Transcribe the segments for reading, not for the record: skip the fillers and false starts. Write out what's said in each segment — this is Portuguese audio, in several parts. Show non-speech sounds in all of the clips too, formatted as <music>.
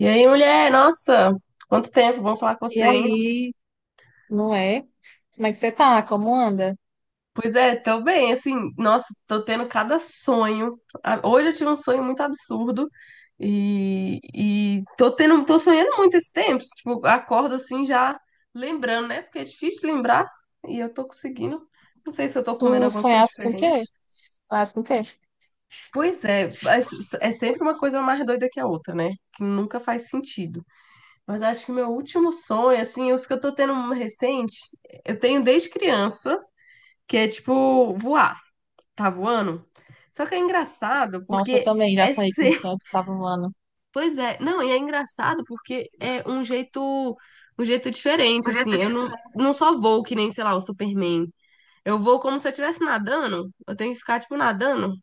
E aí, mulher, nossa, quanto tempo, bom falar com E você, hein? aí, não é? Como é que você tá? Como anda? Pois é, tô bem, assim, nossa, tô tendo cada sonho. Ah, hoje eu tive um sonho muito absurdo e, tô tendo, tô sonhando muito esse tempo, tipo, acordo assim já lembrando, né? Porque é difícil lembrar e eu tô conseguindo. Não sei se eu tô comendo Tu alguma coisa sonhaste com o quê? diferente. Sonhaste com o quê? Pois é, mas é sempre uma coisa mais doida que a outra, né? Que nunca faz sentido. Mas acho que meu último sonho, assim, os que eu tô tendo um recente, eu tenho desde criança, que é tipo voar, tá voando. Só que é engraçado Nossa, eu porque também já é sonhei com o ser. sonho <laughs> que tava voando. Pois é, não, e é engraçado porque é um jeito diferente, O assim. jeito de... Eu não, só vou que nem, sei lá, o Superman. Eu vou como se eu estivesse nadando. Eu tenho que ficar, tipo, nadando.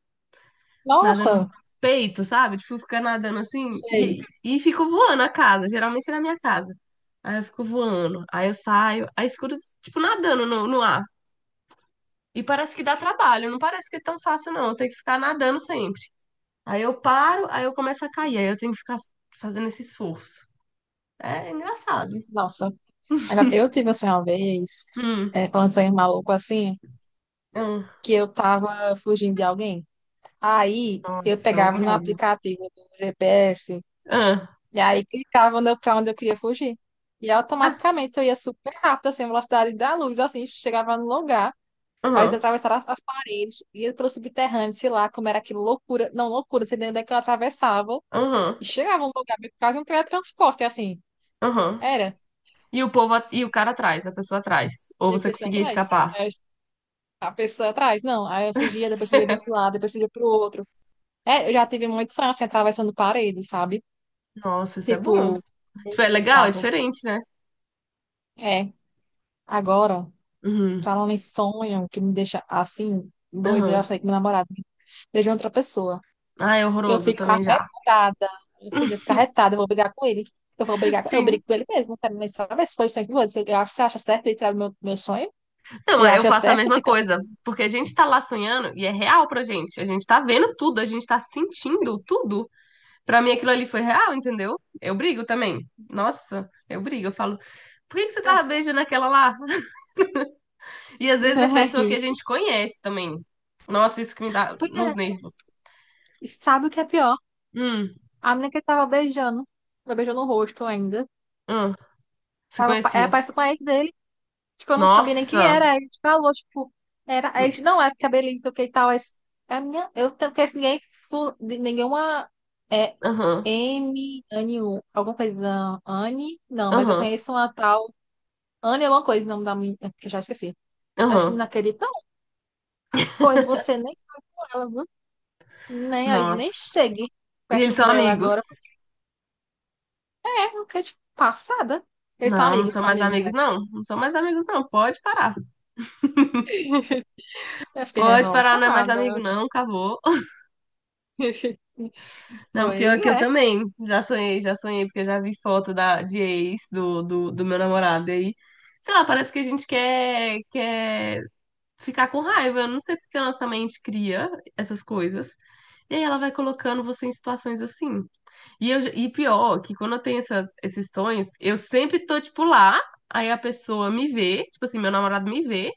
Nadando no Nossa, peito, sabe? Tipo, fica nadando assim sei. e, fico voando a casa, geralmente é na minha casa. Aí eu fico voando, aí eu saio, aí fico, tipo, nadando no ar. E parece que dá trabalho, não parece que é tão fácil, não. Eu tenho que ficar nadando sempre. Aí eu paro, aí eu começo a cair, aí eu tenho que ficar fazendo esse esforço. É engraçado. Nossa. Agora, eu tive um sonho uma vez, Hum, é, falando de sonho maluco assim, hum. que eu tava fugindo de alguém. Aí, eu Nossa, pegava no horroroso. aplicativo do GPS Ah, e aí clicava no- pra onde eu queria fugir. E ah, automaticamente eu ia super rápido, assim, a velocidade da luz, assim, chegava no lugar. Aí eles aham, atravessaram as paredes, ia pelo subterrâneo, sei lá, como era aquilo, loucura. Não, loucura, não sei nem onde é que eu atravessava. aham, E chegava num lugar, meio que quase um teletransporte, assim. aham. Era. E o povo, a- e o cara atrás, a pessoa atrás. Ou E a você pessoa conseguia atrás. escapar. Aí a pessoa atrás, não. Aí eu fugia, depois fugia de um lado, depois fugia pro outro. É, eu já tive muito sonho, assim, atravessando paredes, sabe? Nossa, isso é bom. Tipo, Tipo, é muito legal, é bizarro. diferente, né? É. Agora, Uhum, falando em sonho, que me deixa assim, doido, eu já uhum. sei que meu namorado beijou outra pessoa. Ah, é Eu horroroso, eu fico também já. arretada. Meu filho, eu fico arretada. Eu vou brigar com ele. Eu vou brigar. Eu Sim. brigo com ele mesmo. Não quero nem saber se foi o sonho do outro. Você acha certo isso? Era o meu sonho? Não, Você é, eu acha faço a certo mesma ficar coisa. Porque a gente tá lá sonhando e é real pra gente. A gente tá vendo tudo, a gente tá assim? sentindo tudo. Pra mim aquilo ali foi real, entendeu? Eu brigo também. Nossa, eu brigo. Eu falo, por que que você É. tava beijando aquela lá? E às vezes é Não é pessoa que a isso. gente conhece também. Nossa, isso que me dá Pois é. nos nervos. E sabe o que é pior? Hum, A menina que ele tava beijando. Tava beijando o rosto ainda. hum, você Tava, era conhecia. parecido com a ex dele. Tipo, eu não sabia nem quem Nossa. era. Aí ele falou, tipo, era. Aí, ele, não, é porque a Belize do que e tal. É, é a minha. Eu não conheço ninguém, de nenhuma. É Aham, M. Anne, U, alguma coisa. Anne? Não, mas eu aham, conheço uma tal. Anne, alguma coisa, o nome da minha. Que eu já esqueci. Aí esse aham. menino acredita. Não, pois você nem com ela, viu? Nem, aí, nem Nossa. chegue E eles perto são dela amigos. agora. É, porque, tipo, passada. Eles Não, não são são mais amigos, amigos, é. não. Não são mais amigos, não. Pode parar. Eu fiquei Pode parar, não é mais amigo, revoltada. não. Acabou. <laughs> <laughs> Não, Pois pior que eu é. também. Já sonhei, porque eu já vi foto da, de ex do meu namorado. E aí, sei lá, parece que a gente quer, quer ficar com raiva. Eu não sei porque a nossa mente cria essas coisas. E aí ela vai colocando você em situações assim. E, eu, e pior, que quando eu tenho essas, esses sonhos, eu sempre tô, tipo, lá. Aí a pessoa me vê, tipo assim, meu namorado me vê.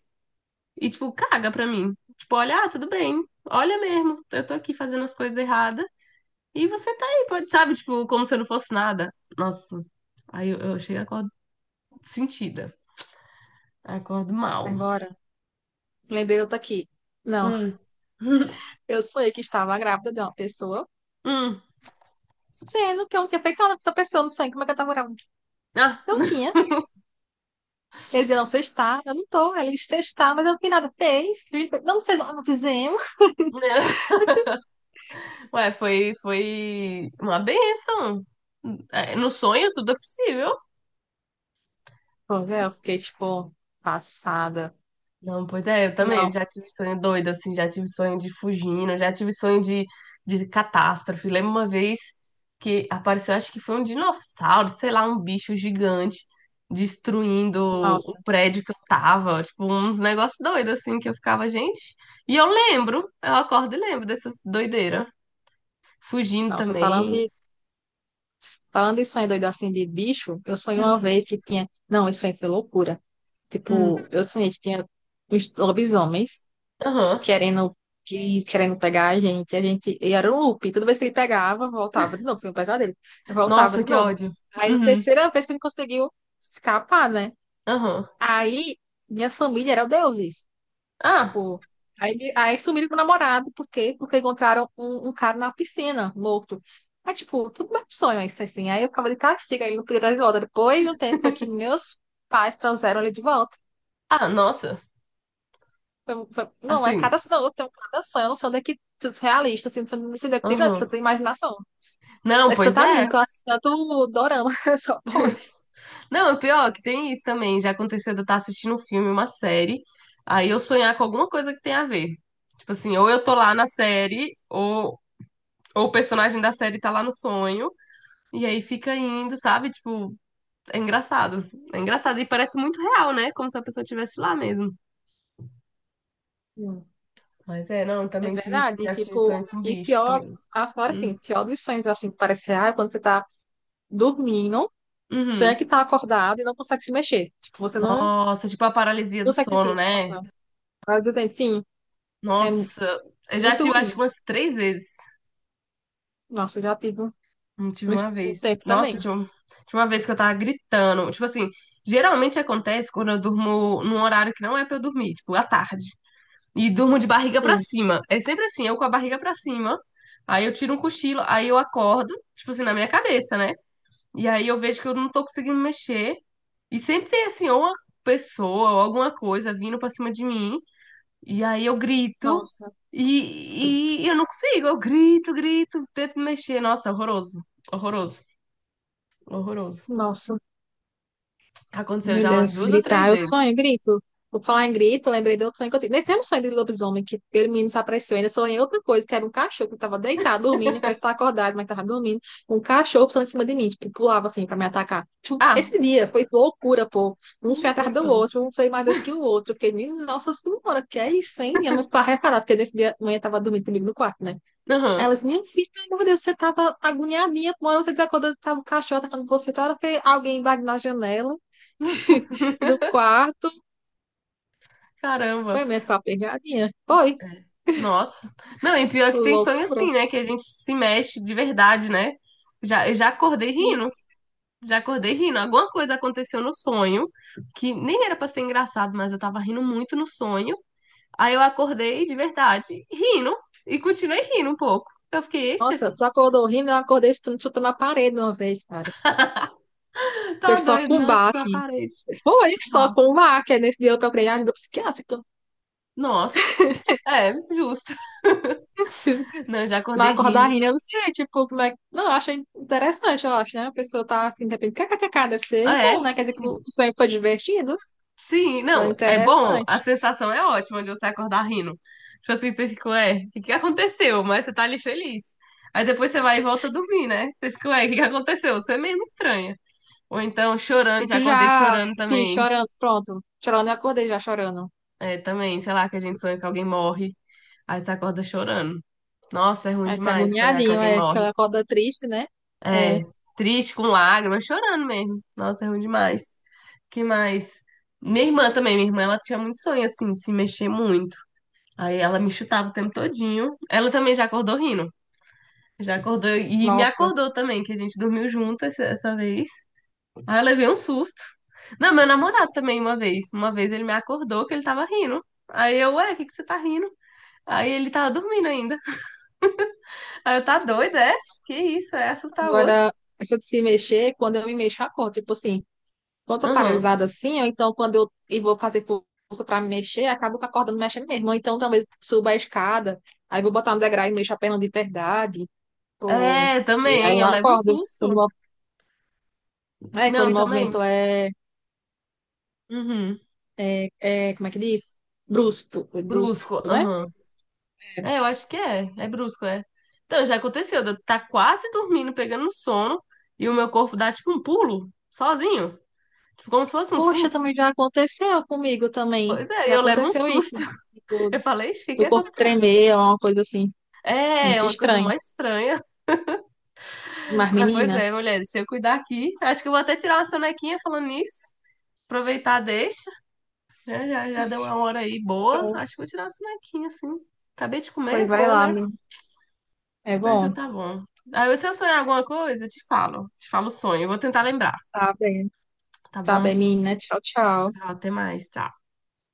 E, tipo, caga pra mim. Tipo, olha, ah, tudo bem. Olha mesmo, eu tô aqui fazendo as coisas erradas. E você tá aí, pode, sabe? Tipo, como se eu não fosse nada. Nossa. Aí eu chego e acordo sentida. Acordo mal. Agora. Lembrei outra aqui. Não, Hum. <laughs> eu sonhei que estava grávida de uma pessoa, Hum. sendo que eu não tinha feito nada com essa pessoa no sonho. Como é que eu estava grávida? Ah, Não tinha. Ele dizia, não, você está, eu não estou. Ele disse, você está, mas eu não fiz nada. Fez, fez, fez. Não, não fez, não fizemos. <laughs> <laughs> Eu disse, Ué, foi, foi uma benção. É, no sonho tudo é possível. pois é, eu fiquei, tipo, passada. Não, pois é, eu também Não, já tive sonho doido, assim, já tive sonho de fugindo, já tive sonho de catástrofe. Lembro uma vez que apareceu, acho que foi um dinossauro, sei lá, um bicho gigante destruindo o nossa, prédio que eu tava, tipo, uns negócios doidos, assim, que eu ficava, gente. E eu lembro, eu acordo e lembro dessas doideiras. Fugindo nossa, também. Falando de sonho doido assim, de bicho, eu sonhei uma Uhum. vez que tinha, não, isso aí foi loucura. Hum, Tipo, eu sonhei que tinha uns lobisomens aham. querendo, querendo pegar a gente. A gente, e era um loop. Toda vez que ele pegava, voltava de novo. Foi um pesadelo. Voltava Nossa, de que novo. ódio. Aí, na Uhum. terceira vez que ele conseguiu escapar, né? Aham. Aí, minha família era o deuses. Ah, Tipo, aí sumiram com o namorado. Por quê? Porque encontraram um cara na piscina, morto. Aí, tipo, tudo mais sonho isso, assim. Aí eu ficava de castigo, aí ele não podia dar de volta. Depois de um tempo foi que meus pais trouxeram ele de volta. ah, nossa, Não, é assim, cada sonho, eu tenho cada sonho, eu não sei onde é que surrealista, assim, não sei onde é que tirou essa aham. tanta imaginação. Não, Esse pois tanto anime, é. que eu assisto tanto dorama, <laughs> só pode. Não, o pior é que tem isso também. Já aconteceu de eu estar assistindo um filme, uma série, aí eu sonhar com alguma coisa que tem a ver. Tipo assim, ou eu tô lá na série, ou o personagem da série tá lá no sonho, e aí fica indo, sabe? Tipo, é engraçado. É engraçado e parece muito real, né? Como se a pessoa estivesse lá mesmo. Hum. Mas é, não, É também tive, verdade, e, já tive tipo, sonho com e bicho pior, também. afora Hum. assim, pior dos sonhos, assim, que parece real, é quando você tá dormindo, Uhum. sonha que tá acordado e não consegue se mexer. Tipo, você não Nossa, tipo a paralisia do consegue se sono, mexer. né? Nossa, mas eu tenho, sim, é mu- Nossa, eu já muito tive acho que ruim. umas três vezes. Nossa, eu já tive um, Tive uma um vez. tempo Nossa, também. tinha um- tinha uma vez que eu tava gritando. Tipo assim, geralmente acontece quando eu durmo num horário que não é pra eu dormir, tipo, à tarde. E durmo de barriga pra Sim, cima. É sempre assim, eu com a barriga pra cima. Aí eu tiro um cochilo, aí eu acordo, tipo assim, na minha cabeça, né? E aí eu vejo que eu não tô conseguindo me mexer. E sempre tem assim, ou uma pessoa ou alguma coisa vindo pra cima de mim. E aí eu grito. nossa. E, eu não consigo, eu grito, grito, tento me mexer. Nossa, horroroso, horroroso. Horroroso. Nossa. Aconteceu Meu já umas Deus, duas ou três gritar, eu vezes. sonho, grito. Vou falar em grito, lembrei do outro sonho que eu tive. Nesse mesmo sonho de lobisomem, que aquele menino desapareceu, ainda sonhei outra coisa, que era um cachorro que estava deitado, dormindo, parece estar acordado, mas estava dormindo. Um cachorro passando em cima de mim, tipo, pulava assim para me atacar. Tipo, Ah, esse dia foi loucura, pô. Um sonho o atrás do sonho. outro, um sonho mais doido que o outro. Eu Fiquei, menina, nossa senhora, que é isso, hein? Minha mãe ficava reparada, porque nesse dia a mãe estava dormindo comigo no quarto, né? Aí Aham. ela disse, minha filha, meu Deus, você estava agoniadinha, uma hora você desacordou, estava o cachorro atacando você, outra hora foi alguém invadindo na janela. <laughs> do quarto. Caramba. Foi mesmo ficar aperreadinha. Foi, É. Nossa. Não, e pior que tem sonho loucura. assim, né? Que a gente se mexe de verdade, né? Já, eu já acordei Sim. rindo. Já acordei rindo. Alguma coisa aconteceu no sonho que nem era pra ser engraçado, mas eu tava rindo muito no sonho. Aí eu acordei de verdade, rindo. E continuei rindo um pouco. Eu fiquei, "Eita, Nossa, tu acordou rindo, eu acordei chutando, chutando a parede uma vez, cara. Foi tá só doido, com nossa, com a baque. parede. Foi só com baque. Aí nesse dia eu procurei ajuda psiquiátrica. Nossa. É, justo. Não, eu já Mas acordei <laughs> acordar rindo. rindo, eu não sei, tipo, como é que... Não, eu acho interessante, eu acho, né? A pessoa tá assim, de repente, kkkk, deve ser É, bom, né? Quer dizer que o sonho foi divertido. sim, Foi não, é bom, a interessante. sensação é ótima de você acordar rindo. Tipo assim, você fica, ué, o que que aconteceu? Mas você tá ali feliz. Aí depois você vai e volta a dormir, né? Você fica, ué, o que que aconteceu? Você é mesmo estranha. Ou então E chorando, já tu já, acordei chorando assim, também. chorando, pronto. Chorando, eu acordei já chorando. É, também, sei lá, que a gente sonha que alguém morre, aí você acorda chorando. Nossa, é ruim Ai, que demais sonhar que agoniadinho, alguém é, que morre. ela acorda triste, né? É, É, triste, com lágrimas, chorando mesmo. Nossa, é ruim demais. Que mais? Minha irmã também, minha irmã, ela tinha muito sonho assim, de se mexer muito. Aí ela me chutava o tempo todinho. Ela também já acordou rindo. Já acordou e me nossa. acordou também, que a gente dormiu junto essa vez. Aí eu levei um susto. Não, meu namorado também uma vez. Uma vez ele me acordou que ele tava rindo. Aí eu, ué, o que que você tá rindo? Aí ele tava dormindo ainda. Aí eu, tá doido, é? Que isso, é assustar o outro. Agora, essa de se mexer, quando eu me mexo, eu acordo. Tipo assim, quando eu tô Aham. paralisada assim, ou então quando eu vou fazer força pra me mexer, acabo acordando mexendo mesmo. Ou então talvez suba a escada, aí vou botar no degrau e mexo a perna de verdade. Ou... É, Aí também, eu eu levo um acordo. Quando, susto. É, quando Não, o também. movimento é, Uhum. Como é que diz? Brusco, brusco, Brusco, né? aham. É, eu acho que é. É brusco, é. Então, já aconteceu. De eu tá quase dormindo, pegando um sono, e o meu corpo dá tipo um pulo, sozinho. Tipo, como se fosse um Poxa, susto. também já aconteceu comigo também. Pois é, Já eu levo um aconteceu isso. susto. <laughs> Eu falei, "Ixi, o que que O corpo aconteceu? tremer é uma coisa assim, É, é muito uma coisa mó estranha. estranha. <laughs> Mas, Mas, pois menina, é, mulher, deixa eu cuidar aqui. Acho que eu vou até tirar uma sonequinha falando nisso. Aproveitar, deixa. Já, já, já deu uma hora aí boa. então, Acho que vou tirar uma sonequinha, assim. Acabei de comer, pois é vai bom, lá, né? menina. É Mas então bom. tá bom. Aí, se eu sonhar alguma coisa, eu te falo. Te falo o sonho. Eu vou tentar lembrar. Tá bem. Tá Tá bom? bem, menina. Tchau, tchau. Tchau, até mais. Tá.